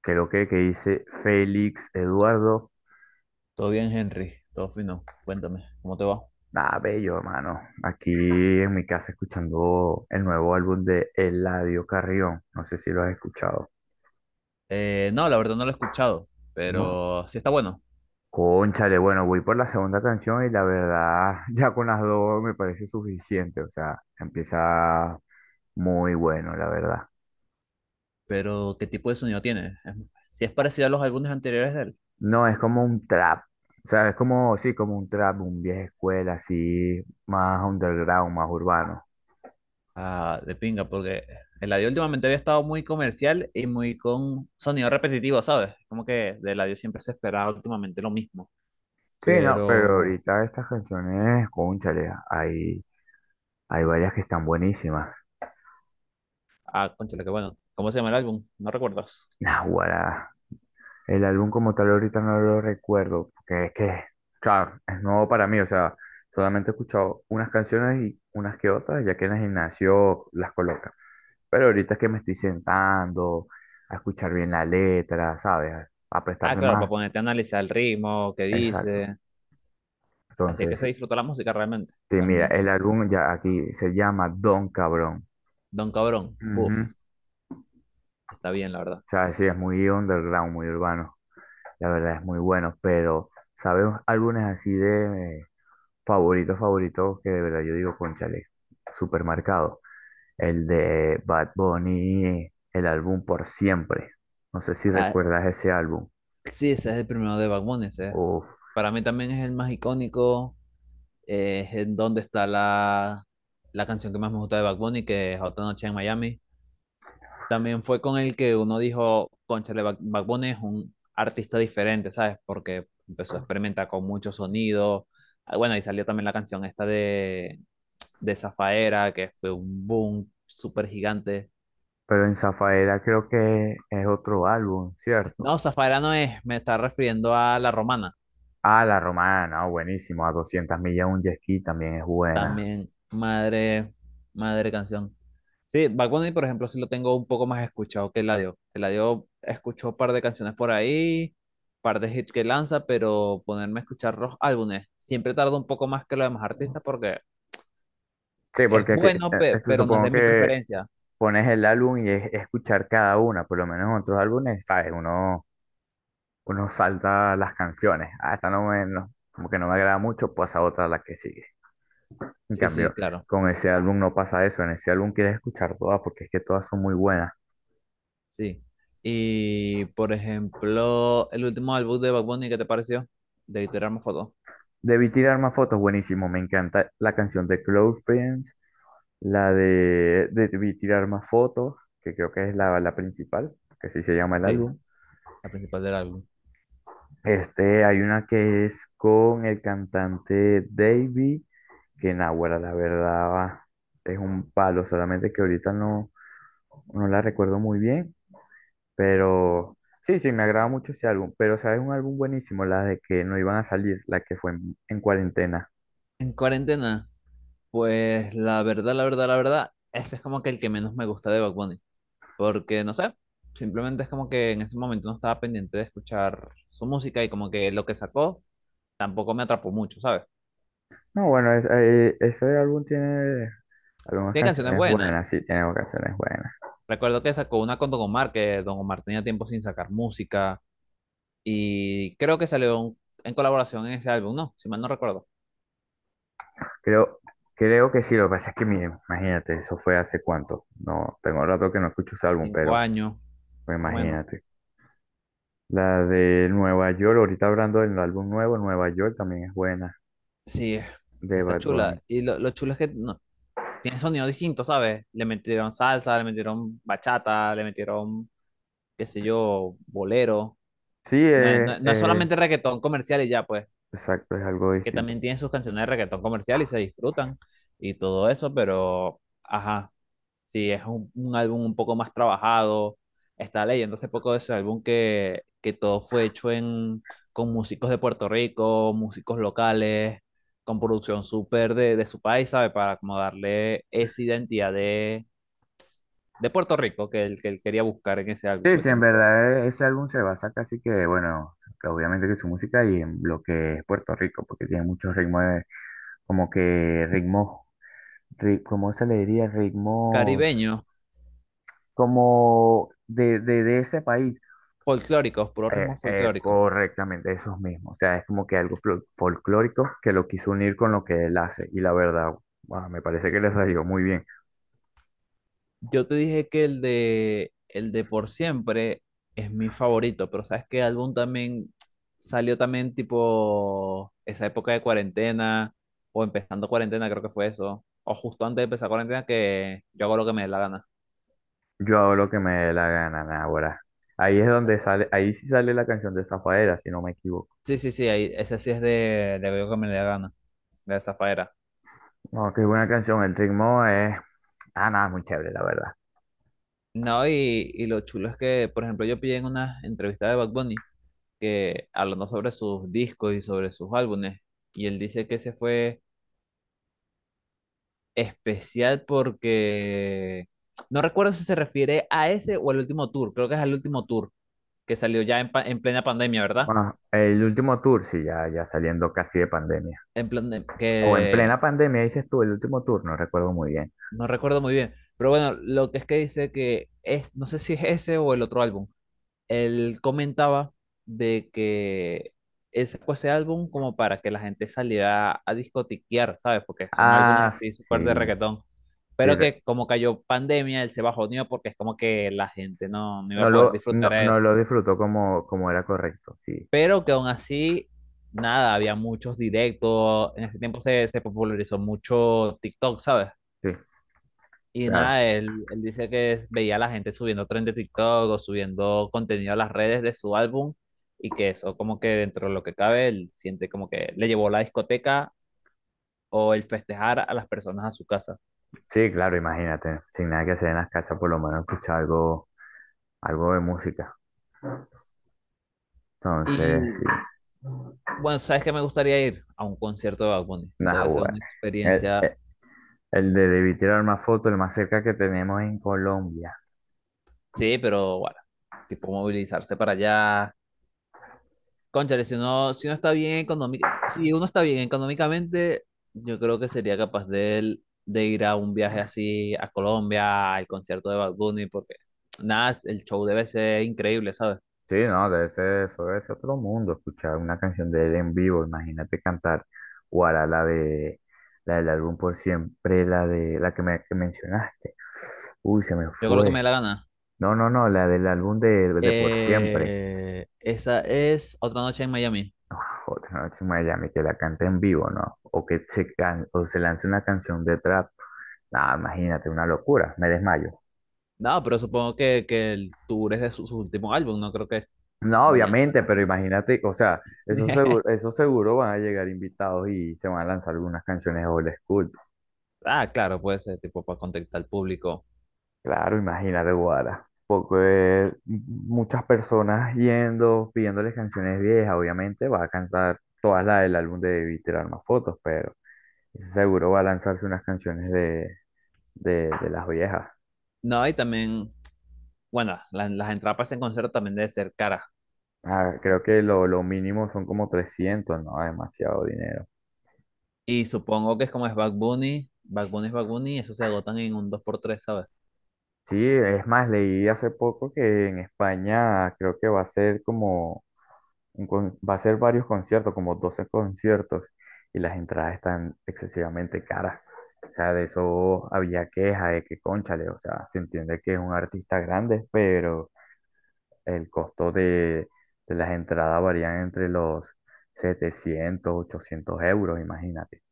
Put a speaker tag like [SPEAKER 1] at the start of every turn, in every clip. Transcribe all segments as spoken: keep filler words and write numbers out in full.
[SPEAKER 1] Creo que, que dice Félix Eduardo.
[SPEAKER 2] Todo bien, Henry, todo fino. Cuéntame, ¿cómo te va?
[SPEAKER 1] Ah, bello, hermano. Aquí en mi casa escuchando el nuevo álbum de Eladio Carrión. No sé si lo has escuchado.
[SPEAKER 2] Eh, no, la verdad no lo he escuchado,
[SPEAKER 1] No.
[SPEAKER 2] pero sí está bueno.
[SPEAKER 1] Cónchale, bueno, voy por la segunda canción y la verdad, ya con las dos me parece suficiente. O sea, empieza muy bueno, la verdad.
[SPEAKER 2] Pero, ¿qué tipo de sonido tiene? Si es parecido a los álbumes anteriores de él.
[SPEAKER 1] No, es como un trap. O sea, es como, sí, como un trap, un vieja escuela, así, más underground, más urbano.
[SPEAKER 2] Ah, de pinga, porque Eladio últimamente había estado muy comercial y muy con sonido repetitivo, ¿sabes? Como que de Eladio siempre se esperaba últimamente lo mismo.
[SPEAKER 1] Sí, no, pero
[SPEAKER 2] Pero,
[SPEAKER 1] ahorita estas canciones, cónchale, hay, hay varias que están buenísimas.
[SPEAKER 2] ah, Cónchale, qué bueno. ¿Cómo se llama el álbum? ¿No recuerdas?
[SPEAKER 1] Naguará. El álbum como tal ahorita no lo recuerdo, porque es que, claro, es nuevo para mí, o sea, solamente he escuchado unas canciones y unas que otras, ya que en el gimnasio las colocan. Pero ahorita es que me estoy sentando a escuchar bien la letra, ¿sabes? A
[SPEAKER 2] Ah,
[SPEAKER 1] prestarle
[SPEAKER 2] claro, para
[SPEAKER 1] más.
[SPEAKER 2] ponerte a analizar el ritmo, qué
[SPEAKER 1] Exacto.
[SPEAKER 2] dice. Así es que se
[SPEAKER 1] Entonces,
[SPEAKER 2] disfruta la música realmente,
[SPEAKER 1] sí, mira,
[SPEAKER 2] con
[SPEAKER 1] el álbum ya aquí se llama Don Cabrón.
[SPEAKER 2] Don Cabrón. Buf.
[SPEAKER 1] Ujú.
[SPEAKER 2] Está bien, la verdad.
[SPEAKER 1] Sabes, sí, es muy underground, muy urbano. La verdad es muy bueno, pero ¿sabes álbumes así de eh, favoritos, favoritos que de verdad yo digo, cónchale, súper marcado? El de Bad Bunny, el álbum Por Siempre. No sé si
[SPEAKER 2] Ah,
[SPEAKER 1] recuerdas ese álbum.
[SPEAKER 2] sí, ese es el primero de Bad Bunny, ese.
[SPEAKER 1] Uf,
[SPEAKER 2] Para mí también es el más icónico. Eh, es en donde está la, la canción que más me gusta de Bad Bunny, que es Otra Noche en Miami. También fue con el que uno dijo, cónchale, Bad Bad Bunny es un artista diferente, ¿sabes? Porque empezó a experimentar con muchos sonidos. Ah, bueno, y salió también la canción esta de, de Zafaera, que fue un boom súper gigante.
[SPEAKER 1] pero en Zafaera creo que es otro álbum, ¿cierto?
[SPEAKER 2] No, Zafaera no es, me está refiriendo a La Romana.
[SPEAKER 1] Ah, La Romana, oh, buenísimo. A doscientas millas un jet ski también es buena.
[SPEAKER 2] También, madre, madre canción. Sí, Bad Bunny, por ejemplo, sí lo tengo un poco más escuchado que Eladio. Eladio escuchó un par de canciones por ahí, par de hits que lanza, pero ponerme a escuchar los álbumes siempre tarda un poco más que los demás artistas porque
[SPEAKER 1] Sí,
[SPEAKER 2] es
[SPEAKER 1] porque aquí, eh,
[SPEAKER 2] bueno, pe-
[SPEAKER 1] esto
[SPEAKER 2] pero no es
[SPEAKER 1] supongo
[SPEAKER 2] de mi
[SPEAKER 1] que
[SPEAKER 2] preferencia.
[SPEAKER 1] pones el álbum y es escuchar cada una, por lo menos en otros álbumes, ¿sabes? Uno, uno salta las canciones, ah, esta no me, no- como que no me agrada mucho, pasa otra a la que sigue. En
[SPEAKER 2] Sí, sí,
[SPEAKER 1] cambio,
[SPEAKER 2] claro,
[SPEAKER 1] con ese álbum no pasa eso, en ese álbum quieres escuchar todas porque es que todas son muy buenas.
[SPEAKER 2] sí. Y, por ejemplo, el último álbum de Bad Bunny, ¿qué te pareció? De Tirarme Fotos.
[SPEAKER 1] Debí tirar más fotos, buenísimo, me encanta la canción de Close Friends, la de Debí Tirar Más Fotos, que creo que es la, la principal, que así se llama el
[SPEAKER 2] Sí,
[SPEAKER 1] álbum.
[SPEAKER 2] la principal del álbum.
[SPEAKER 1] Este, hay una que es con el cantante Davy, que Nahuara, la verdad, es un palo, solamente que ahorita no, no la recuerdo muy bien, pero sí, sí, me agrada mucho ese álbum, pero sabes, un álbum buenísimo, la de que no iban a salir, la que fue en, en cuarentena.
[SPEAKER 2] En cuarentena. Pues la verdad, la verdad, la verdad, ese es como que el que menos me gusta de Bad Bunny. Porque no sé, simplemente es como que en ese momento no estaba pendiente de escuchar su música y como que lo que sacó tampoco me atrapó mucho, ¿sabes?
[SPEAKER 1] No, bueno, es- eh, ese álbum tiene algunas
[SPEAKER 2] Tiene canciones
[SPEAKER 1] canciones
[SPEAKER 2] buenas.
[SPEAKER 1] buenas, sí, tiene canciones buenas.
[SPEAKER 2] Recuerdo que sacó una con Don Omar, que Don Omar tenía tiempo sin sacar música. Y creo que salió un- en colaboración en ese álbum, ¿no? Si mal no recuerdo.
[SPEAKER 1] Creo, creo que sí, lo que pasa es que, miren, imagínate, eso fue hace cuánto, no, tengo rato que no escucho ese álbum,
[SPEAKER 2] Cinco
[SPEAKER 1] pero...
[SPEAKER 2] años,
[SPEAKER 1] Pues
[SPEAKER 2] más o menos.
[SPEAKER 1] imagínate. La de Nueva York, ahorita hablando del álbum nuevo, Nueva York también es buena,
[SPEAKER 2] Sí,
[SPEAKER 1] de
[SPEAKER 2] está
[SPEAKER 1] Bad
[SPEAKER 2] chula.
[SPEAKER 1] Bunny.
[SPEAKER 2] Y lo, lo chulo es que no, tiene sonidos distintos, ¿sabes? Le metieron salsa, le metieron bachata, le metieron, qué sé yo, bolero.
[SPEAKER 1] Sí,
[SPEAKER 2] No es, no,
[SPEAKER 1] eh,
[SPEAKER 2] es no es
[SPEAKER 1] eh,
[SPEAKER 2] solamente reggaetón comercial y ya, pues,
[SPEAKER 1] exacto, es algo
[SPEAKER 2] que
[SPEAKER 1] distinto.
[SPEAKER 2] también tienen sus canciones de reggaetón comercial y se disfrutan y todo eso, pero, ajá, sí, es un, un álbum un poco más trabajado. Estaba leyendo hace poco de ese álbum que, que todo fue hecho en, con músicos de Puerto Rico, músicos locales, con producción súper de, de su país, ¿sabes? Para como darle esa identidad de de Puerto Rico, que él, que él quería buscar en ese álbum,
[SPEAKER 1] Sí,
[SPEAKER 2] pues
[SPEAKER 1] sí,
[SPEAKER 2] que
[SPEAKER 1] en
[SPEAKER 2] no sea.
[SPEAKER 1] verdad eh, ese álbum se basa casi que, bueno, que obviamente que su música y en lo que es Puerto Rico, porque tiene muchos ritmos, eh, como que ritmos, ri- ¿cómo se le diría? Ritmos
[SPEAKER 2] Caribeños,
[SPEAKER 1] como de, de, de ese país.
[SPEAKER 2] folclóricos, puro ritmo
[SPEAKER 1] Eh, eh,
[SPEAKER 2] folclórico.
[SPEAKER 1] correctamente, esos mismos. O sea, es como que algo fol- folclórico que lo quiso unir con lo que él hace. Y la verdad, guau, me parece que le salió muy bien.
[SPEAKER 2] Yo te dije que el de, el de Por Siempre es mi favorito, pero ¿sabes qué álbum también salió también tipo esa época de cuarentena o empezando cuarentena, creo que fue eso, o justo antes de empezar cuarentena que yo hago lo que me dé la gana.
[SPEAKER 1] Yo hago lo que me dé la gana, ahora. Ahí es donde sale, ahí sí sale la canción de Zafaera, si no me equivoco.
[SPEAKER 2] Sí, sí, sí, ahí, ese sí es de, de lo que me dé la gana, de esa faera.
[SPEAKER 1] No, qué buena canción. El ritmo es, ah, nada, es muy chévere, la verdad.
[SPEAKER 2] No, y, y lo chulo es que, por ejemplo, yo pillé en una entrevista de Bad Bunny que hablando sobre sus discos y sobre sus álbumes, y él dice que ese fue especial porque no recuerdo si se refiere a ese o al último tour, creo que es al último tour que salió ya en, pa- en plena pandemia, ¿verdad?
[SPEAKER 1] Bueno, el último tour, sí, ya, ya saliendo casi de pandemia.
[SPEAKER 2] En plan
[SPEAKER 1] O en
[SPEAKER 2] que
[SPEAKER 1] plena pandemia, dices tú, el último tour, no recuerdo muy bien.
[SPEAKER 2] no recuerdo muy bien, pero bueno, lo que es que dice que es, no sé si es ese o el otro álbum él comentaba de que él sacó ese álbum como para que la gente saliera a discotiquear, ¿sabes? Porque son álbumes
[SPEAKER 1] Ah,
[SPEAKER 2] así súper de
[SPEAKER 1] sí,
[SPEAKER 2] reggaetón.
[SPEAKER 1] sí.
[SPEAKER 2] Pero que como cayó pandemia, él se bajoneó porque es como que la gente no, no iba a
[SPEAKER 1] No
[SPEAKER 2] poder
[SPEAKER 1] lo,
[SPEAKER 2] disfrutar.
[SPEAKER 1] no,
[SPEAKER 2] eh.
[SPEAKER 1] no lo disfrutó como, como era correcto, sí,
[SPEAKER 2] Pero que aún así, nada, había muchos directos. En ese tiempo se, se popularizó mucho TikTok, ¿sabes?
[SPEAKER 1] sí,
[SPEAKER 2] Y
[SPEAKER 1] claro.
[SPEAKER 2] nada, él, él dice que es- veía a la gente subiendo trend de TikTok o subiendo contenido a las redes de su álbum y que eso como que dentro de lo que cabe, él siente como que le llevó la discoteca o el festejar a las personas a su casa.
[SPEAKER 1] Sí, claro, imagínate, sin nada que hacer en las casas, por lo menos escuchar algo, algo de música. Entonces, sí,
[SPEAKER 2] Y bueno, ¿sabes qué me gustaría ir? A un concierto de Bad Bunny. Eso
[SPEAKER 1] nah
[SPEAKER 2] debe ser
[SPEAKER 1] bueno.
[SPEAKER 2] una
[SPEAKER 1] El,
[SPEAKER 2] experiencia,
[SPEAKER 1] el, el de Debí Tirar Más Fotos, el más cerca que tenemos en Colombia.
[SPEAKER 2] sí, pero bueno, tipo movilizarse para allá. Cónchale, si uno, si uno está bien económic- si uno está bien económicamente, yo creo que sería capaz de, él- de ir a un viaje así a Colombia, al concierto de Bad Bunny, porque nada, el show debe ser increíble, ¿sabes?
[SPEAKER 1] Sí, no, de ese, fue ese otro mundo, escuchar una canción de él en vivo, imagínate cantar Guara, la de, la del álbum Por Siempre, la de, la que me que mencionaste. Uy, se me
[SPEAKER 2] Yo creo que me dé
[SPEAKER 1] fue.
[SPEAKER 2] la gana.
[SPEAKER 1] No, no, no, la del álbum de, de Por Siempre.
[SPEAKER 2] Eh, esa es Otra Noche en Miami.
[SPEAKER 1] No, Otra Noche en Miami, que la cante en vivo, ¿no? O que se, can- o se lance una canción de trap. Ah, imagínate, una locura, me desmayo.
[SPEAKER 2] No, pero supongo que, que el tour es de su, su último álbum, no creo que
[SPEAKER 1] No,
[SPEAKER 2] vayan estas
[SPEAKER 1] obviamente, pero
[SPEAKER 2] canciones.
[SPEAKER 1] imagínate, o sea, eso seguro, eso seguro van a llegar invitados y se van a lanzar algunas canciones old school.
[SPEAKER 2] Ah, claro, puede ser tipo para contactar al público.
[SPEAKER 1] Claro, imagínate, Guara. Porque eh, muchas personas yendo, pidiéndoles canciones viejas, obviamente va a cansar todas las del álbum de y tirar más fotos, pero. Seguro va a lanzarse unas canciones de, de, de las viejas.
[SPEAKER 2] No, y también, bueno, la- las entradas para ese concierto también debe ser caras.
[SPEAKER 1] Ah, creo que lo, lo mínimo son como trescientos, no, demasiado dinero.
[SPEAKER 2] Y supongo que es como es Bad Bunny, Bad Bunny es Bad Bunny, eso se agotan en un dos por tres, sabes.
[SPEAKER 1] Sí, es más, leí hace poco que en España creo que va a ser como, un con- va a ser varios conciertos, como doce conciertos, y las entradas están excesivamente caras. O sea, de eso había queja de que, cónchale, o sea, se entiende que es un artista grande, pero el costo de, de las entradas varían entre los setecientos ochocientos euros, imagínate.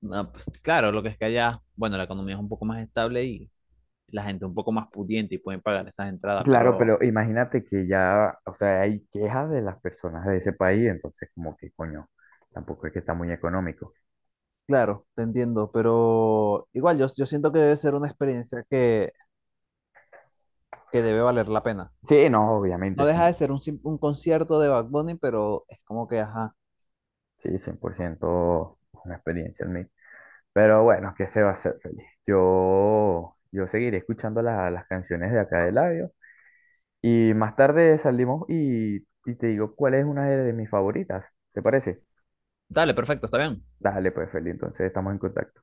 [SPEAKER 2] No, pues, claro, lo que es que allá, bueno, la economía es un poco más estable y la gente un poco más pudiente y pueden pagar esas entradas,
[SPEAKER 1] Claro,
[SPEAKER 2] pero
[SPEAKER 1] pero imagínate que ya, o sea, hay quejas de las personas de ese país, entonces como que coño, tampoco es que está muy económico.
[SPEAKER 2] claro, te entiendo, pero igual yo, yo siento que debe ser una experiencia que, que debe valer la pena.
[SPEAKER 1] Sí, no, obviamente,
[SPEAKER 2] No
[SPEAKER 1] sí,
[SPEAKER 2] deja de ser un, sim- un concierto de Bad Bunny, pero es como que, ajá,
[SPEAKER 1] sí, cien por ciento una experiencia en mí. Pero bueno, que se va a hacer, feliz? Yo, yo seguiré escuchando la- las canciones de acá de Labio y más tarde salimos y, y te digo cuál es una de, de mis favoritas, ¿te parece?
[SPEAKER 2] dale, perfecto, está bien.
[SPEAKER 1] Dale, pues, Feli, entonces estamos en contacto.